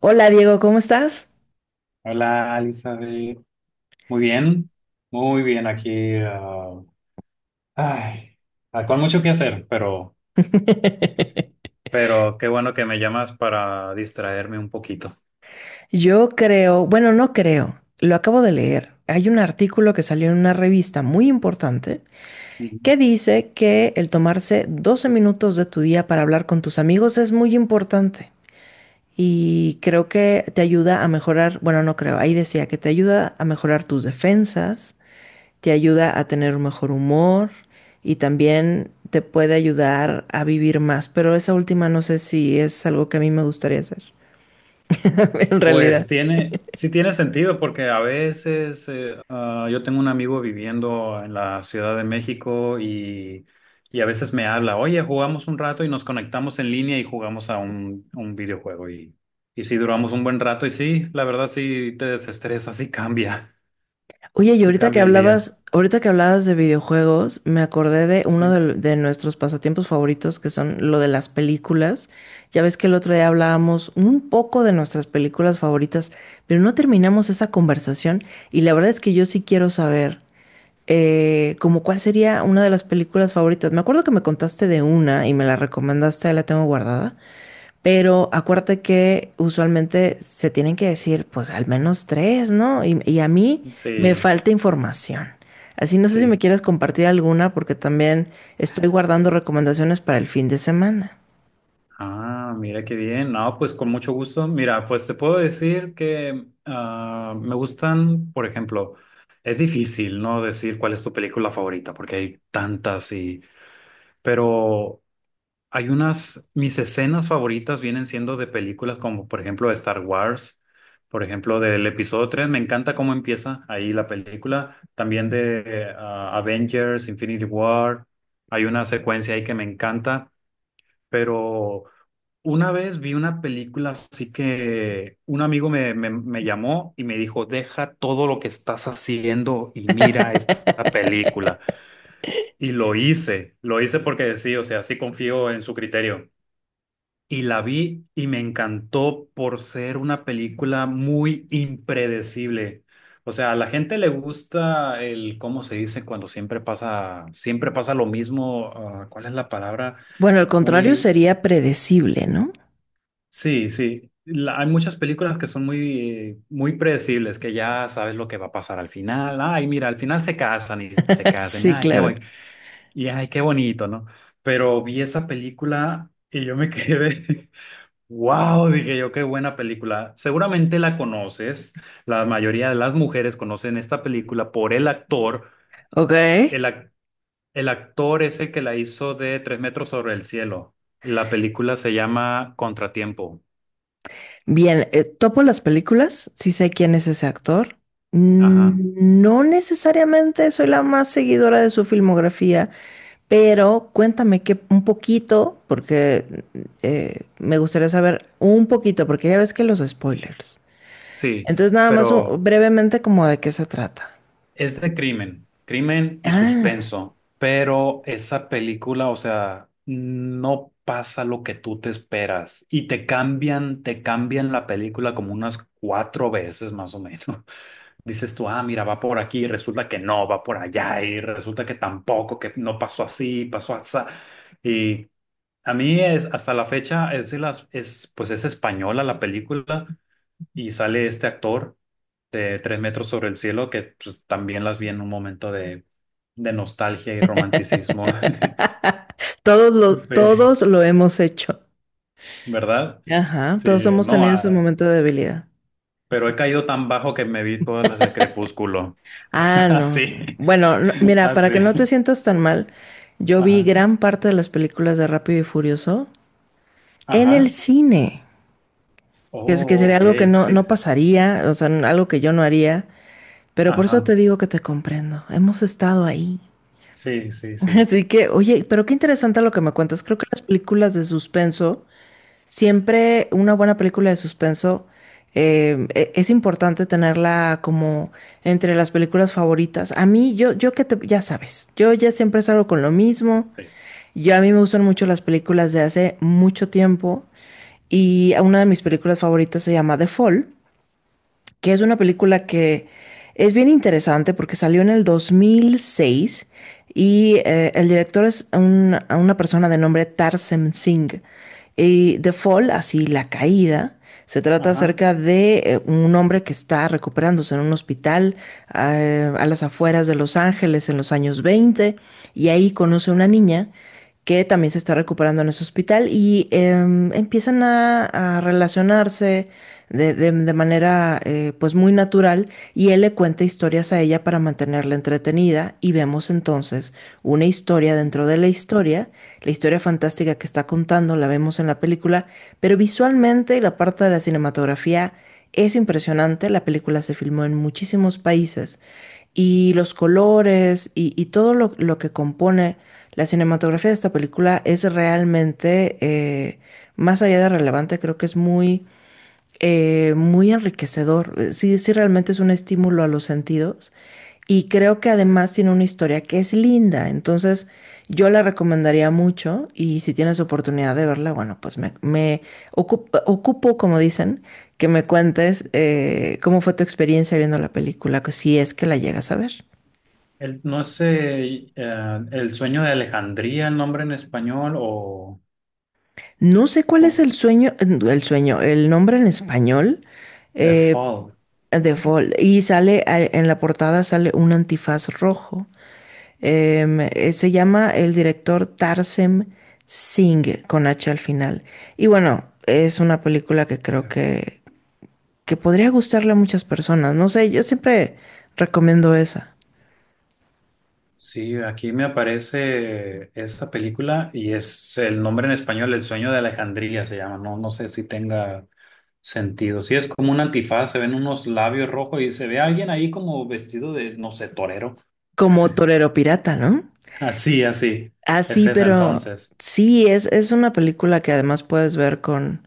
Hola Diego, ¿cómo estás? Hola, Elizabeth. Muy bien, muy bien aquí. Ay, con mucho que hacer, pero, pero qué bueno que me llamas para distraerme un poquito. Yo creo, bueno, no creo, lo acabo de leer. Hay un artículo que salió en una revista muy importante Ujú. que dice que el tomarse 12 minutos de tu día para hablar con tus amigos es muy importante y creo que te ayuda a mejorar, bueno, no creo, ahí decía que te ayuda a mejorar tus defensas, te ayuda a tener un mejor humor y también te puede ayudar a vivir más, pero esa última no sé si es algo que a mí me gustaría hacer. En realidad. Pues tiene, sí tiene sentido porque a veces yo tengo un amigo viviendo en la Ciudad de México y a veces me habla. Oye, jugamos un rato y nos conectamos en línea y jugamos a un videojuego, y sí duramos un buen rato y sí, la verdad sí te desestresa, sí cambia. Oye, y Sí, cambia el día. Ahorita que hablabas de videojuegos, me acordé de uno Sí, de, de nuestros pasatiempos favoritos, que son lo de las películas. Ya ves que el otro día hablábamos un poco de nuestras películas favoritas, pero no terminamos esa conversación y la verdad es que yo sí quiero saber como cuál sería una de las películas favoritas. Me acuerdo que me contaste de una y me la recomendaste, ahí la tengo guardada. Pero acuérdate que usualmente se tienen que decir, pues al menos tres, ¿no? Y a mí me sí, falta información. Así no sé si sí. me quieres compartir alguna porque también estoy guardando recomendaciones para el fin de semana. Ah, mira qué bien. No, pues con mucho gusto. Mira, pues te puedo decir que me gustan, por ejemplo... Es difícil, ¿no? Decir cuál es tu película favorita, porque hay tantas. Pero hay unas, mis escenas favoritas vienen siendo de películas como por ejemplo Star Wars, por ejemplo del episodio 3. Me encanta cómo empieza ahí la película, también de Avengers, Infinity War, hay una secuencia ahí que me encanta. Pero una vez vi una película así que un amigo me llamó y me dijo, deja todo lo que estás haciendo y mira esta película. Y lo hice porque sí, o sea, sí confío en su criterio. Y la vi y me encantó por ser una película muy impredecible. O sea, a la gente le gusta el, ¿cómo se dice? Cuando siempre pasa lo mismo. ¿Cuál es la palabra? Bueno, al contrario Muy, sería predecible, ¿no? sí, sí. Hay muchas películas que son muy, muy predecibles, que ya sabes lo que va a pasar al final. Ay, mira, al final se casan. Y Sí, ay, qué claro. buen, y ay, qué bonito, ¿no? Pero vi esa película y yo me quedé. Wow, dije yo, qué buena película. Seguramente la conoces. La mayoría de las mujeres conocen esta película por el actor. Ok. El, ac- el actor es el que la hizo de Tres metros sobre el cielo. La película se llama Contratiempo. Bien, topo las películas, sí sé quién es ese actor. Ajá, Mm, no necesariamente soy la más seguidora de su filmografía. Pero cuéntame que un poquito, porque me gustaría saber un poquito, porque ya ves que los spoilers. sí, Entonces nada más pero brevemente como de qué se trata. es de crimen, crimen y Ah, suspenso. Pero esa película, o sea, no pasa lo que tú te esperas y te cambian la película como unas cuatro veces más o menos. Dices tú, ah, mira, va por aquí, y resulta que no, va por allá, y resulta que tampoco, que no pasó así, pasó así. Y a mí es, hasta la fecha es de las, es, pues es española la película y sale este actor de Tres metros sobre el cielo que pues, también las vi en un momento de nostalgia y romanticismo. Sí, todos lo hemos hecho. ¿verdad? Ajá, Sí, todos hemos no, tenido ese ah, momento de debilidad. pero he caído tan bajo que me vi todas las de Crepúsculo. Ah, no, no, Así, no. Bueno, mira, para que no te así. sientas tan mal, yo vi Ajá. gran parte de las películas de Rápido y Furioso en el Ajá. cine, que Oh, sería ok, algo que no, sí. no Sí. pasaría, o sea, algo que yo no haría. Pero por eso Ajá. te digo que te comprendo. Hemos estado ahí. Sí, sí, sí, Así que, oye, pero qué interesante lo que me cuentas. Creo que las películas de suspenso, siempre una buena película de suspenso, es importante tenerla como entre las películas favoritas. A mí, yo que te, ya sabes, yo ya siempre salgo con lo mismo. sí. Yo a mí me gustan mucho las películas de hace mucho tiempo y una de mis películas favoritas se llama The Fall, que es una película que es bien interesante porque salió en el 2006 y eh, el director es una persona de nombre Tarsem Singh. Y The Fall, así la caída, se trata Ajá. acerca de un hombre que está recuperándose en un hospital a las afueras de Los Ángeles en los años 20 y ahí conoce a una niña que también se está recuperando en ese hospital y empiezan a relacionarse de manera pues muy natural y él le cuenta historias a ella para mantenerla entretenida y vemos entonces una historia dentro de la historia fantástica que está contando la vemos en la película, pero visualmente y la parte de la cinematografía es impresionante, la película se filmó en muchísimos países y los colores y todo lo que compone la cinematografía de esta película es realmente, más allá de relevante, creo que es muy muy enriquecedor. Sí, sí, realmente es un estímulo a los sentidos. Y creo que además tiene una historia que es linda. Entonces, yo la recomendaría mucho. Y si tienes oportunidad de verla, bueno, pues me ocupo, como dicen, que me cuentes cómo fue tu experiencia viendo la película, que si es que la llegas a ver. El, no sé, El sueño de Alejandría, el nombre en español, No sé cuál es co- el sueño, el nombre en español The eh, Fall. de Fall. Y sale en la portada sale un antifaz rojo. Se llama el director Tarsem Singh con H al final. Y bueno, es una película Eh, que podría gustarle a muchas personas. No sé, yo siempre recomiendo esa. Sí, aquí me aparece esa película y es el nombre en español, El sueño de Alejandría se llama. No, no sé si tenga sentido. Sí, es como un antifaz, se ven unos labios rojos y se ve alguien ahí como vestido de, no sé, torero. Como Torero Pirata, ¿no? Así, así. Es Así, esa pero entonces. sí, es una película que además puedes ver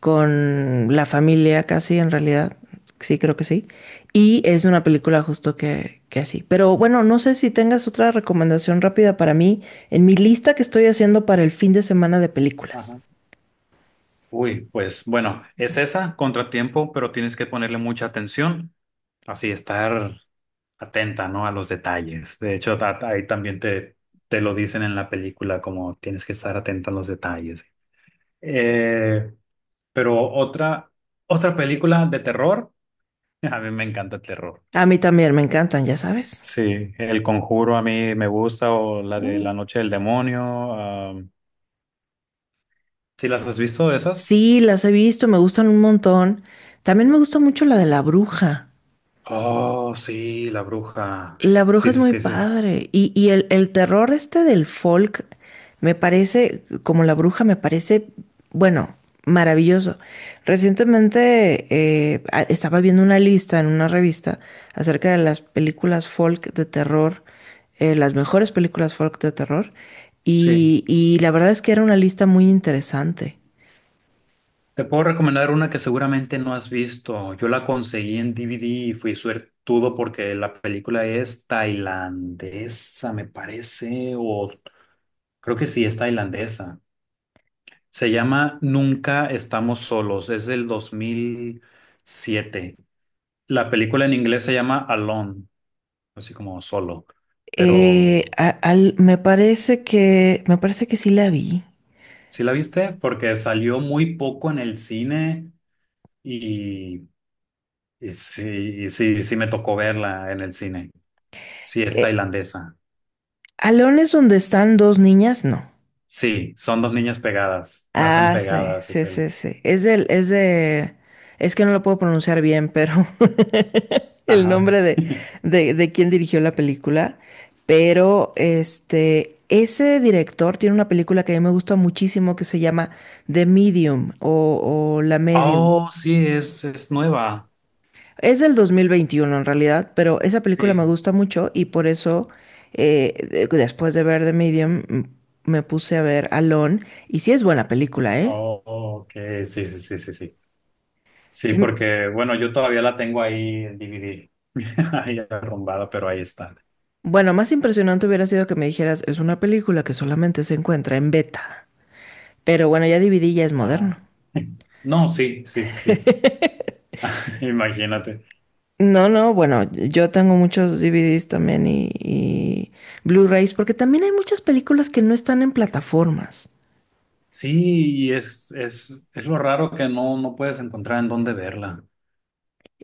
con la familia casi en realidad. Sí, creo que sí. Y es una película justo que así. Pero bueno, no sé si tengas otra recomendación rápida para mí en mi lista que estoy haciendo para el fin de semana de películas. Ajá. Uy, pues bueno, es esa, contratiempo, pero tienes que ponerle mucha atención, así estar atenta, ¿no? A los detalles. De hecho, ahí también te lo dicen en la película, como tienes que estar atenta a los detalles. Eh, pero otra, otra película de terror, a mí me encanta el terror. A mí también me encantan, ya sabes. Sí, El Conjuro a mí me gusta, o la de La Noche del Demonio. Si ¿Sí las has visto esas? Sí, las he visto, me gustan un montón. También me gusta mucho la de la bruja. Oh, sí, La Bruja. La bruja Sí, es sí, muy sí, sí. padre. Y el terror este del folk me parece, como la bruja, me parece, bueno, maravilloso. Recientemente estaba viendo una lista en una revista acerca de las películas folk de terror, las mejores películas folk de terror. Sí. Y la verdad es que era una lista muy interesante. Te puedo recomendar una que seguramente no has visto. Yo la conseguí en DVD y fui suertudo porque la película es tailandesa, me parece, o creo que sí, es tailandesa. Se llama Nunca estamos solos, es del 2007. La película en inglés se llama Alone, así como solo. Pero, Me parece me parece que sí la vi. ¿sí la viste? Porque salió muy poco en el cine y, y sí, y sí me tocó verla en el cine. Sí, es Eh, tailandesa. Alones donde están dos niñas, no. Sí, son dos niñas pegadas. Nacen Ah, sí, pegadas, es sí, el. sí, sí. Es del, es de, Es que no lo puedo pronunciar bien, pero el Ajá. nombre de quién dirigió la película. Pero este, ese director tiene una película que a mí me gusta muchísimo que se llama The Medium, o La Medium. Oh, sí, es nueva. Es del 2021 en realidad, pero esa película me Sí. gusta mucho y por eso después de ver The Medium me puse a ver Alone y sí es buena película, ¿eh? Oh, ok. Sí, sí, sí, sí, sí. Sí, Sí. porque, bueno, yo todavía la tengo ahí en DVD. Ahí arrumbada, pero ahí está. Bueno, más impresionante hubiera sido que me dijeras, es una película que solamente se encuentra en beta. Pero bueno, ya DVD ya es Ajá. moderno. No, sí, sí, sí, sí. Imagínate. No, no, bueno, yo tengo muchos DVDs también y Blu-rays, porque también hay muchas películas que no están en plataformas. Sí, y es lo raro que no, no puedes encontrar en dónde verla.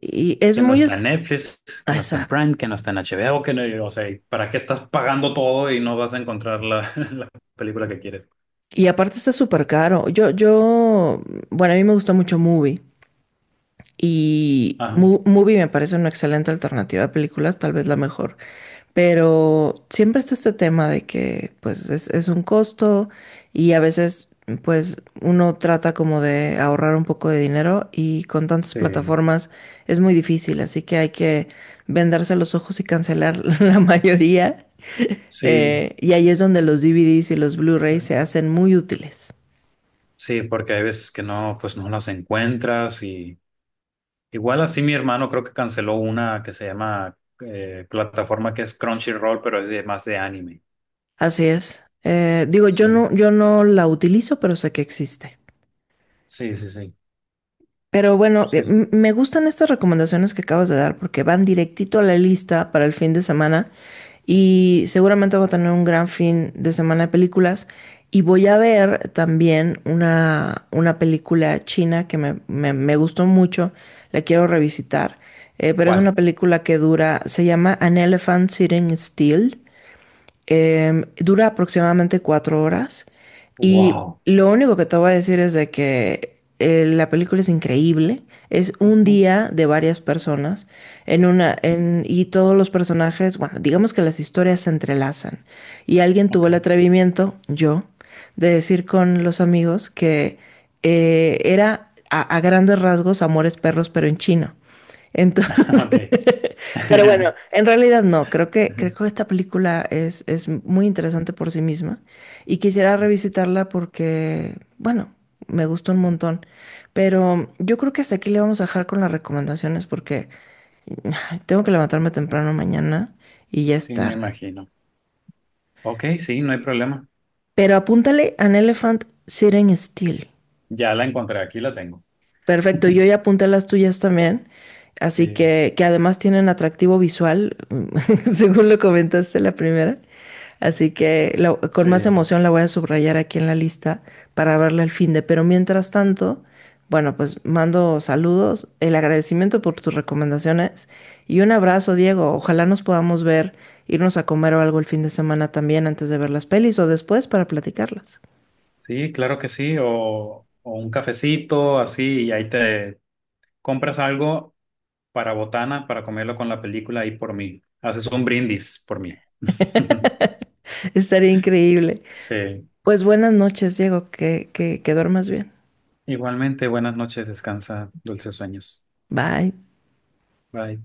Y es Que no muy... está en Netflix, que ah, no está en exacto. Prime, que no está en HBO, que no, o sea, ¿para qué estás pagando todo y no vas a encontrar la, la película que quieres? Y aparte está súper caro. Bueno, a mí me gusta mucho Movie. Y Ajá, Movie me parece una excelente alternativa a películas, tal vez la mejor. Pero siempre está este tema de que pues es un costo y a veces pues uno trata como de ahorrar un poco de dinero y con tantas sí, plataformas es muy difícil, así que hay que vendarse los ojos y cancelar la mayoría. sí, Y ahí es donde los DVDs y los Blu-rays se hacen muy útiles. sí, porque hay veces que no, pues no las encuentras. Igual así mi hermano creo que canceló una que se llama plataforma que es Crunchyroll, pero es de, más de anime. Así es. Digo, Sí, yo no la utilizo, pero sé que existe. sí, sí, sí, Pero bueno, sí. Sí. Me gustan estas recomendaciones que acabas de dar porque van directito a la lista para el fin de semana y seguramente voy a tener un gran fin de semana de películas y voy a ver también una película china que me gustó mucho, la quiero revisitar, pero es una ¿Cuál? película que dura, se llama An Elephant Sitting Still. Dura aproximadamente 4 horas y Wow. lo único que te voy a decir es de que la película es increíble. Es un Ujú. día de varias personas y todos los personajes, bueno, digamos que las historias se entrelazan y alguien tuvo Ok. el atrevimiento, yo, de decir con los amigos que era a grandes rasgos Amores Perros pero en chino. Entonces Ok. pero bueno, en realidad no, creo que esta película es muy interesante por sí misma y quisiera Sí, revisitarla porque, bueno, me gustó un montón. Pero yo creo que hasta aquí le vamos a dejar con las recomendaciones porque ay, tengo que levantarme temprano mañana y ya es sí, me tarde. imagino. Ok, sí, no hay problema. Pero apúntale An Elephant Sitting Still. Ya la encontré, aquí la tengo. Perfecto, yo ya apunté las tuyas también, así Sí, que además tienen atractivo visual, según lo comentaste la primera. Así que con más sí, emoción la voy a subrayar aquí en la lista para verla al fin de. Pero mientras tanto, bueno, pues mando saludos, el agradecimiento por tus recomendaciones y un abrazo, Diego. Ojalá nos podamos ver, irnos a comer o algo el fin de semana también antes de ver las pelis o después para platicarlas. sí, claro que sí. O un cafecito así y ahí te compras algo para botana, para comerlo con la película y por mí. Haces un brindis por mí. Estaría increíble. Sí. Pues buenas noches, Diego, que duermas bien. Igualmente, buenas noches, descansa, dulces sueños. Bye. Bye.